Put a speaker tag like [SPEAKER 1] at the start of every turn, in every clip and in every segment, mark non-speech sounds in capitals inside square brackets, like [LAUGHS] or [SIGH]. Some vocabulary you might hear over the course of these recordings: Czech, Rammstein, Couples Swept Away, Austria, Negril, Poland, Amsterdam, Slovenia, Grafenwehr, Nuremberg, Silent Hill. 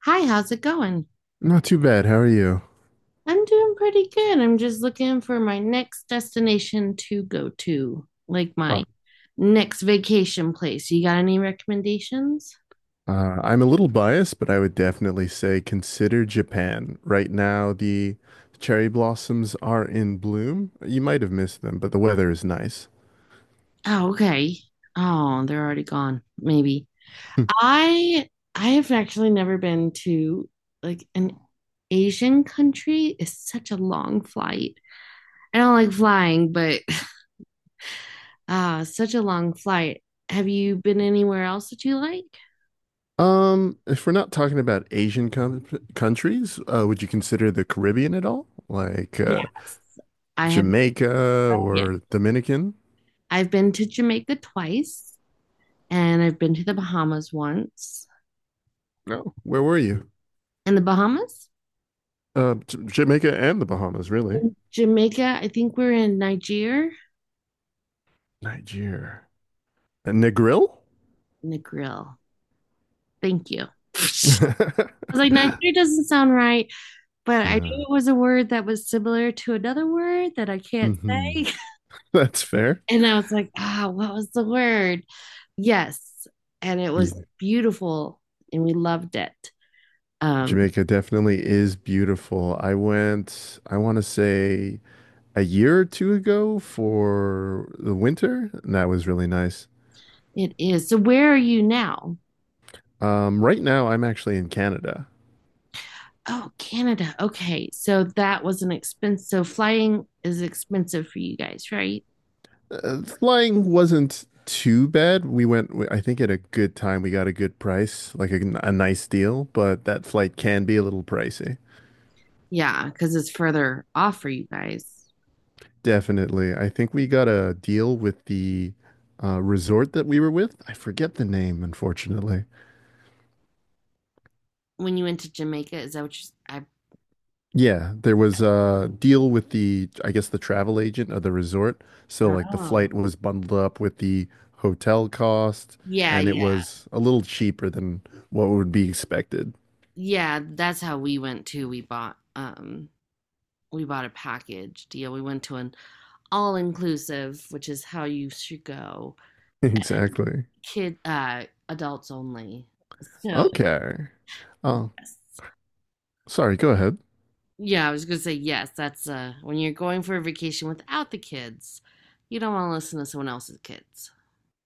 [SPEAKER 1] Hi, how's it going?
[SPEAKER 2] Not too bad. How are you?
[SPEAKER 1] I'm doing pretty good. I'm just looking for my next destination to go to, like
[SPEAKER 2] Oh,
[SPEAKER 1] my next vacation place. You got any recommendations?
[SPEAKER 2] I'm a little biased, but I would definitely say consider Japan. Right now, the cherry blossoms are in bloom. You might have missed them, but the weather is nice.
[SPEAKER 1] Oh, okay. Oh, they're already gone, maybe.
[SPEAKER 2] [LAUGHS]
[SPEAKER 1] I I have actually never been to like an Asian country. It's such a long flight. I don't like flying, but [LAUGHS] [SIGHS] ah, such a long flight. Have you been anywhere else that you like?
[SPEAKER 2] If we're not talking about Asian com countries, would you consider the Caribbean at all? Like
[SPEAKER 1] Yes. I have.
[SPEAKER 2] Jamaica
[SPEAKER 1] Yeah.
[SPEAKER 2] or Dominican?
[SPEAKER 1] I've been to Jamaica twice and I've been to the Bahamas once.
[SPEAKER 2] No, where were you?
[SPEAKER 1] And the Bahamas?
[SPEAKER 2] Jamaica and the Bahamas, really.
[SPEAKER 1] In Jamaica, I think we're in Niger.
[SPEAKER 2] Nigeria. And Negril?
[SPEAKER 1] Negril. Thank you. [LAUGHS] I was like,
[SPEAKER 2] [LAUGHS]
[SPEAKER 1] Nigeria doesn't sound right, but I
[SPEAKER 2] Uh,
[SPEAKER 1] knew it was a word that was similar to another word that I can't
[SPEAKER 2] hmm
[SPEAKER 1] say. [LAUGHS]
[SPEAKER 2] [LAUGHS] That's fair.
[SPEAKER 1] And I was like, ah, oh, what was the word? Yes. And it was
[SPEAKER 2] Yeah.
[SPEAKER 1] beautiful and we loved it. Um,
[SPEAKER 2] Jamaica definitely is beautiful. I want to say a year or two ago for the winter, and that was really nice.
[SPEAKER 1] it is. So where are you now?
[SPEAKER 2] Right now, I'm actually in Canada.
[SPEAKER 1] Oh, Canada. Okay. So that was an expense. So flying is expensive for you guys, right?
[SPEAKER 2] Flying wasn't too bad. We went, I think, at a good time. We got a good price, like a nice deal, but that flight can be a little pricey.
[SPEAKER 1] Yeah, because it's further off for you guys.
[SPEAKER 2] Definitely. I think we got a deal with the resort that we were with. I forget the name, unfortunately.
[SPEAKER 1] When you went to Jamaica, is that what you?
[SPEAKER 2] Yeah, there was a deal with the, I guess, the travel agent of the resort.
[SPEAKER 1] I
[SPEAKER 2] So,
[SPEAKER 1] don't
[SPEAKER 2] like, the
[SPEAKER 1] know.
[SPEAKER 2] flight was bundled up with the hotel cost,
[SPEAKER 1] Yeah,
[SPEAKER 2] and it
[SPEAKER 1] yeah,
[SPEAKER 2] was a little cheaper than what would be expected. [LAUGHS]
[SPEAKER 1] yeah. That's how we went too. We bought a package deal. We went to an all inclusive, which is how you should go.
[SPEAKER 2] Exactly.
[SPEAKER 1] Kid, adults only. So
[SPEAKER 2] Okay. Oh,
[SPEAKER 1] yes,
[SPEAKER 2] sorry, go ahead.
[SPEAKER 1] yeah, I was gonna say yes. That's when you're going for a vacation without the kids, you don't want to listen to someone else's kids.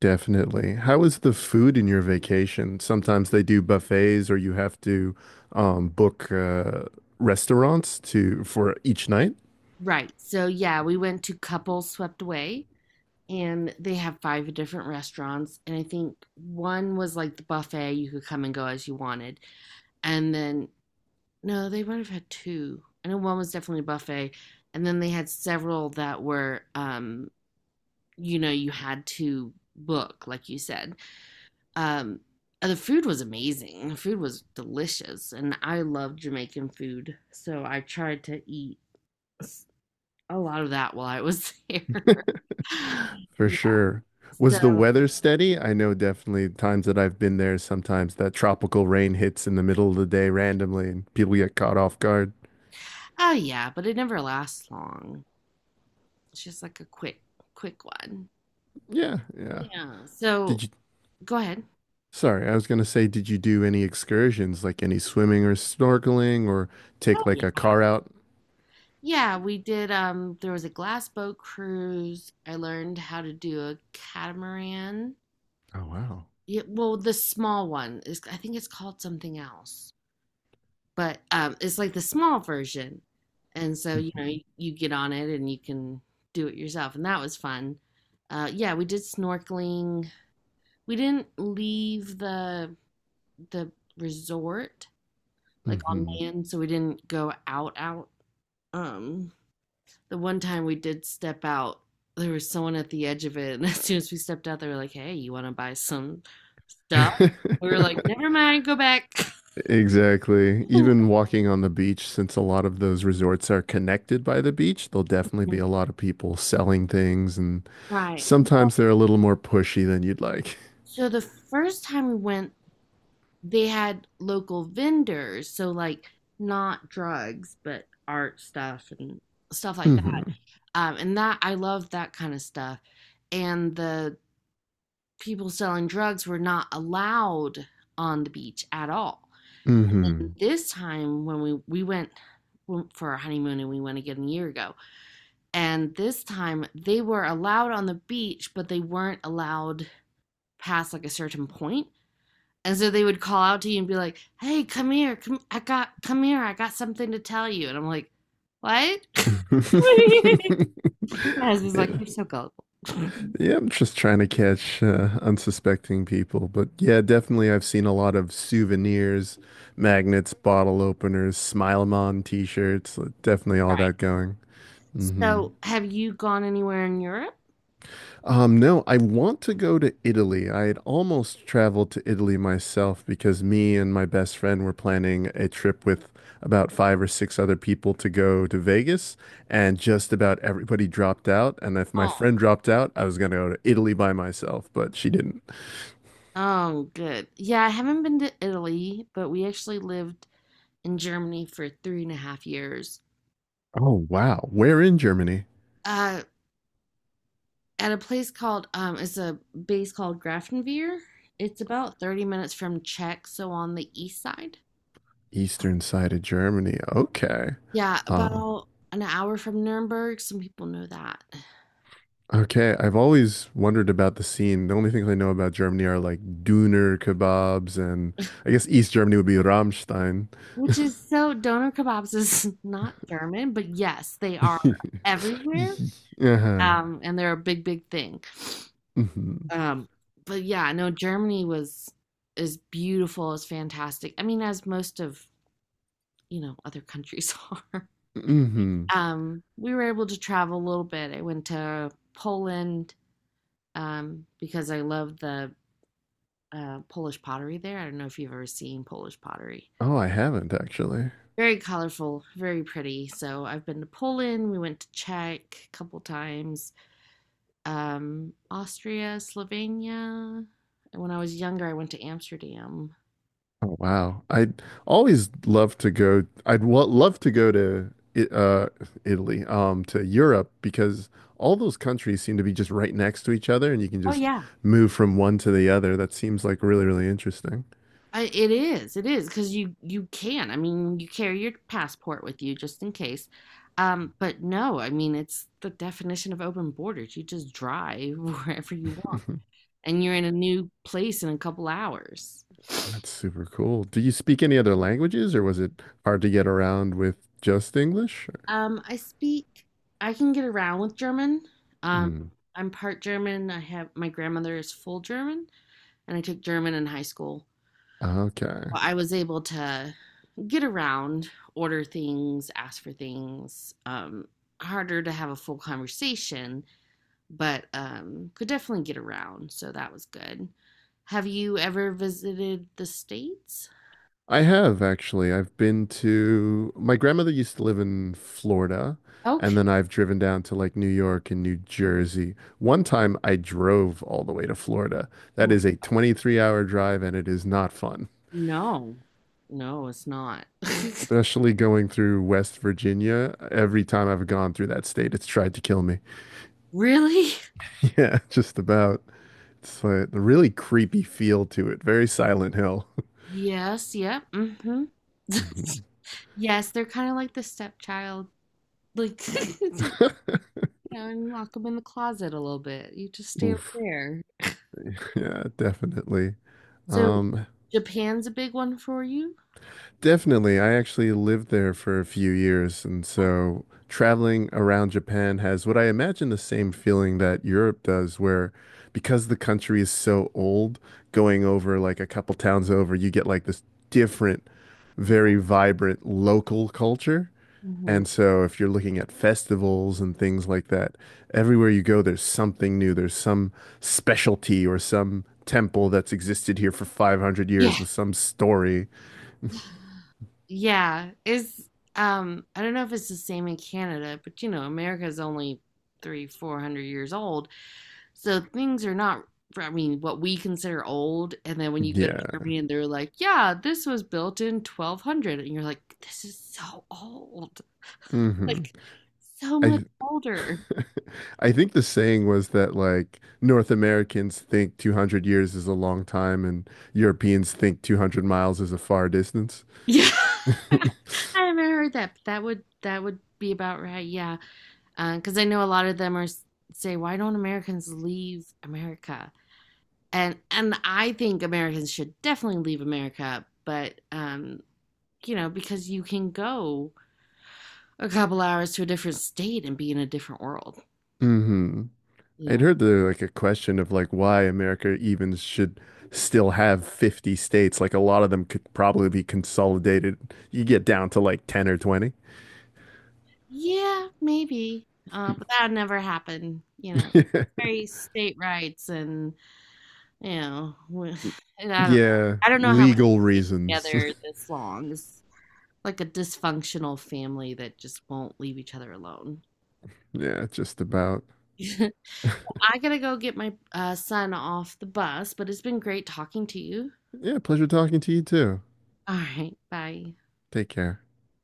[SPEAKER 2] Definitely. How is the food in your vacation? Sometimes they do buffets, or you have to book restaurants to for each night.
[SPEAKER 1] Right. So yeah, we went to Couples Swept Away, and they have 5 different restaurants, and I think one was like the buffet. You could come and go as you wanted, and then no, they might have had two. I know one was definitely a buffet, and then they had several that were you know, you had to book, like you said. Um, the food was amazing. The food was delicious, and I love Jamaican food, so I tried to eat a lot of that while I was there. [LAUGHS]
[SPEAKER 2] For
[SPEAKER 1] Yeah.
[SPEAKER 2] sure.
[SPEAKER 1] So,
[SPEAKER 2] Was the weather steady? I know definitely times that I've been there, sometimes that tropical rain hits in the middle of the day randomly and people get caught off guard.
[SPEAKER 1] oh yeah, but it never lasts long. It's just like a quick, quick one.
[SPEAKER 2] Yeah, yeah.
[SPEAKER 1] Yeah. So
[SPEAKER 2] Did you,
[SPEAKER 1] go ahead.
[SPEAKER 2] sorry, I was gonna say, did you do any excursions, like any swimming or snorkeling or
[SPEAKER 1] Oh
[SPEAKER 2] take
[SPEAKER 1] yeah.
[SPEAKER 2] like a car out?
[SPEAKER 1] Yeah, we did. There was a glass boat cruise. I learned how to do a catamaran.
[SPEAKER 2] Oh, wow.
[SPEAKER 1] Yeah, well, the small one is. I think it's called something else. But it's like the small version, and so, you know, you get on it and you can do it yourself, and that was fun. Yeah, we did snorkeling. We didn't leave the resort, like, on
[SPEAKER 2] Mm-hmm.
[SPEAKER 1] land, so we didn't go out, out. Um, the one time we did step out, there was someone at the edge of it, and [LAUGHS] as soon as we stepped out, they were like, "Hey, you wanna buy some stuff?" We were
[SPEAKER 2] [LAUGHS]
[SPEAKER 1] like, "Never mind, go back."
[SPEAKER 2] Exactly.
[SPEAKER 1] [LAUGHS]
[SPEAKER 2] Even walking on the beach, since a lot of those resorts are connected by the beach, there'll definitely be a lot of people selling things, and
[SPEAKER 1] Right.
[SPEAKER 2] sometimes they're a little more pushy than you'd like.
[SPEAKER 1] So the first time we went, they had local vendors, so like not drugs, but art stuff and stuff like that.
[SPEAKER 2] Hmm.
[SPEAKER 1] And that I love that kind of stuff. And the people selling drugs were not allowed on the beach at all. And
[SPEAKER 2] Hmm.
[SPEAKER 1] this time when we went for our honeymoon and we went again a year ago, and this time they were allowed on the beach, but they weren't allowed past like a certain point. And so they would call out to you and be like, "Hey, come here, come, I got, come here, I got something to tell you." And I'm like, "What?" [LAUGHS]
[SPEAKER 2] [LAUGHS]
[SPEAKER 1] My husband's like,
[SPEAKER 2] Yeah.
[SPEAKER 1] "You're so gullible." [LAUGHS] Right.
[SPEAKER 2] Yeah, I'm just trying to catch unsuspecting people, but yeah, definitely I've seen a lot of souvenirs, magnets, bottle openers, Smile 'em on t-shirts, like, definitely all that going. Hmm.
[SPEAKER 1] So, have you gone anywhere in Europe?
[SPEAKER 2] No, I want to go to Italy. I had almost traveled to Italy myself because me and my best friend were planning a trip with about five or six other people to go to Vegas, and just about everybody dropped out. And if my
[SPEAKER 1] Oh,
[SPEAKER 2] friend dropped out, I was going to go to Italy by myself, but she didn't.
[SPEAKER 1] oh, good. Yeah, I haven't been to Italy, but we actually lived in Germany for three and a half years.
[SPEAKER 2] Oh, wow. Where in Germany?
[SPEAKER 1] Uh, at a place called it's a base called Grafenwehr. It's about 30 minutes from Czech, so on the east side.
[SPEAKER 2] Eastern side of Germany. Okay.
[SPEAKER 1] Yeah,
[SPEAKER 2] Uh,
[SPEAKER 1] about an hour from Nuremberg. Some people know that.
[SPEAKER 2] Okay, I've always wondered about the scene. The only things I know about Germany are like Döner kebabs, and I guess East Germany would be Rammstein.
[SPEAKER 1] Which is so, doner kebabs is [LAUGHS] not German, but yes, they are
[SPEAKER 2] [LAUGHS]
[SPEAKER 1] everywhere.
[SPEAKER 2] Yeah.
[SPEAKER 1] And they're a big, big thing.
[SPEAKER 2] Hmm.
[SPEAKER 1] Um, but yeah, no, Germany was is beautiful, is fantastic. I mean, as most of, you know, other countries [LAUGHS] are.
[SPEAKER 2] Hmm.
[SPEAKER 1] We were able to travel a little bit. I went to Poland, because I love the Polish pottery there. I don't know if you've ever seen Polish pottery.
[SPEAKER 2] Oh, I haven't actually.
[SPEAKER 1] Very colorful, very pretty. So I've been to Poland. We went to Czech a couple times, Austria, Slovenia. When I was younger, I went to Amsterdam.
[SPEAKER 2] Oh, wow. I'd always love to go. I'd wa- love to go to I- uh, Italy, to Europe because all those countries seem to be just right next to each other, and you can
[SPEAKER 1] Oh
[SPEAKER 2] just
[SPEAKER 1] yeah.
[SPEAKER 2] move from one to the other. That seems like really, really interesting.
[SPEAKER 1] I, it is, because you can. I mean, you carry your passport with you just in case. But no, I mean, it's the definition of open borders. You just drive [LAUGHS] wherever you want,
[SPEAKER 2] [LAUGHS]
[SPEAKER 1] and you're in a new place in a couple hours.
[SPEAKER 2] That's super cool. Do you speak any other languages, or was it hard to get around with just English?
[SPEAKER 1] I speak, I can get around with German. Um,
[SPEAKER 2] Mm,
[SPEAKER 1] I'm part German. I have my grandmother is full German, and I took German in high school.
[SPEAKER 2] okay.
[SPEAKER 1] Well, I was able to get around, order things, ask for things. Harder to have a full conversation, but could definitely get around, so that was good. Have you ever visited the States?
[SPEAKER 2] I have actually. I've been to my grandmother used to live in Florida, and
[SPEAKER 1] Okay.
[SPEAKER 2] then I've driven down to like New York and New Jersey. One time I drove all the way to Florida. That
[SPEAKER 1] Oh,
[SPEAKER 2] is a 23-hour hour drive, and it is not fun.
[SPEAKER 1] no, no, it's not. [LAUGHS]
[SPEAKER 2] Especially going through West Virginia. Every time I've gone through that state, it's tried to kill me.
[SPEAKER 1] Really?
[SPEAKER 2] [LAUGHS] Yeah, just about. It's a really creepy feel to it. Very Silent Hill.
[SPEAKER 1] Yes, yep. Mm. Hmm. [LAUGHS] Yes, they're kind of like the stepchild. Like, [LAUGHS] you know, and lock them in the closet a little bit. You just
[SPEAKER 2] [LAUGHS]
[SPEAKER 1] stay over
[SPEAKER 2] Oof.
[SPEAKER 1] there.
[SPEAKER 2] Yeah, definitely.
[SPEAKER 1] So,
[SPEAKER 2] Um,
[SPEAKER 1] Japan's a big one for you?
[SPEAKER 2] Definitely. I actually lived there for a few years, and so traveling around Japan has what I imagine the same feeling that Europe does, where because the country is so old, going over like a couple towns over, you get like this different, very vibrant local culture.
[SPEAKER 1] Hmm.
[SPEAKER 2] And so if you're looking at festivals and things like that, everywhere you go, there's something new. There's some specialty or some temple that's existed here for 500
[SPEAKER 1] Yeah.
[SPEAKER 2] years with some story.
[SPEAKER 1] [SIGHS] Yeah. Is I don't know if it's the same in Canada, but you know, America's only three, 400 years old. So things are not, I mean, what we consider old. And then when you go to
[SPEAKER 2] Yeah.
[SPEAKER 1] Germany and they're like, yeah, this was built in 1200. And you're like, this is so old.
[SPEAKER 2] Hmm.
[SPEAKER 1] Like, so much
[SPEAKER 2] I
[SPEAKER 1] older. [LAUGHS]
[SPEAKER 2] [LAUGHS] I think the saying was that like North Americans think 200 years is a long time and Europeans think 200 miles is a far distance.
[SPEAKER 1] Yeah.
[SPEAKER 2] [LAUGHS]
[SPEAKER 1] I haven't heard that, but that would be about right. Yeah. Because I know a lot of them are s- say, why don't Americans leave America? And I think Americans should definitely leave America, but you know, because you can go a couple hours to a different state and be in a different world,
[SPEAKER 2] Hmm.
[SPEAKER 1] you
[SPEAKER 2] I'd
[SPEAKER 1] know?
[SPEAKER 2] heard there like a question of like why America even should still have 50 states. Like a lot of them could probably be consolidated. You get down to like 10 or 20.
[SPEAKER 1] Yeah, maybe. But that would never happen, you know.
[SPEAKER 2] [LAUGHS]
[SPEAKER 1] Very state rights and, you know, w- [SIGHS] [LAUGHS] and I don't know.
[SPEAKER 2] Yeah,
[SPEAKER 1] I don't know how we
[SPEAKER 2] legal
[SPEAKER 1] stay
[SPEAKER 2] reasons.
[SPEAKER 1] together
[SPEAKER 2] [LAUGHS]
[SPEAKER 1] this long. It's like a dysfunctional family that just won't leave each other alone.
[SPEAKER 2] Yeah, just about.
[SPEAKER 1] [LAUGHS] I gotta go get my son off the bus, but it's been great talking to you.
[SPEAKER 2] Yeah, pleasure talking to you too.
[SPEAKER 1] All right, bye.
[SPEAKER 2] Take care.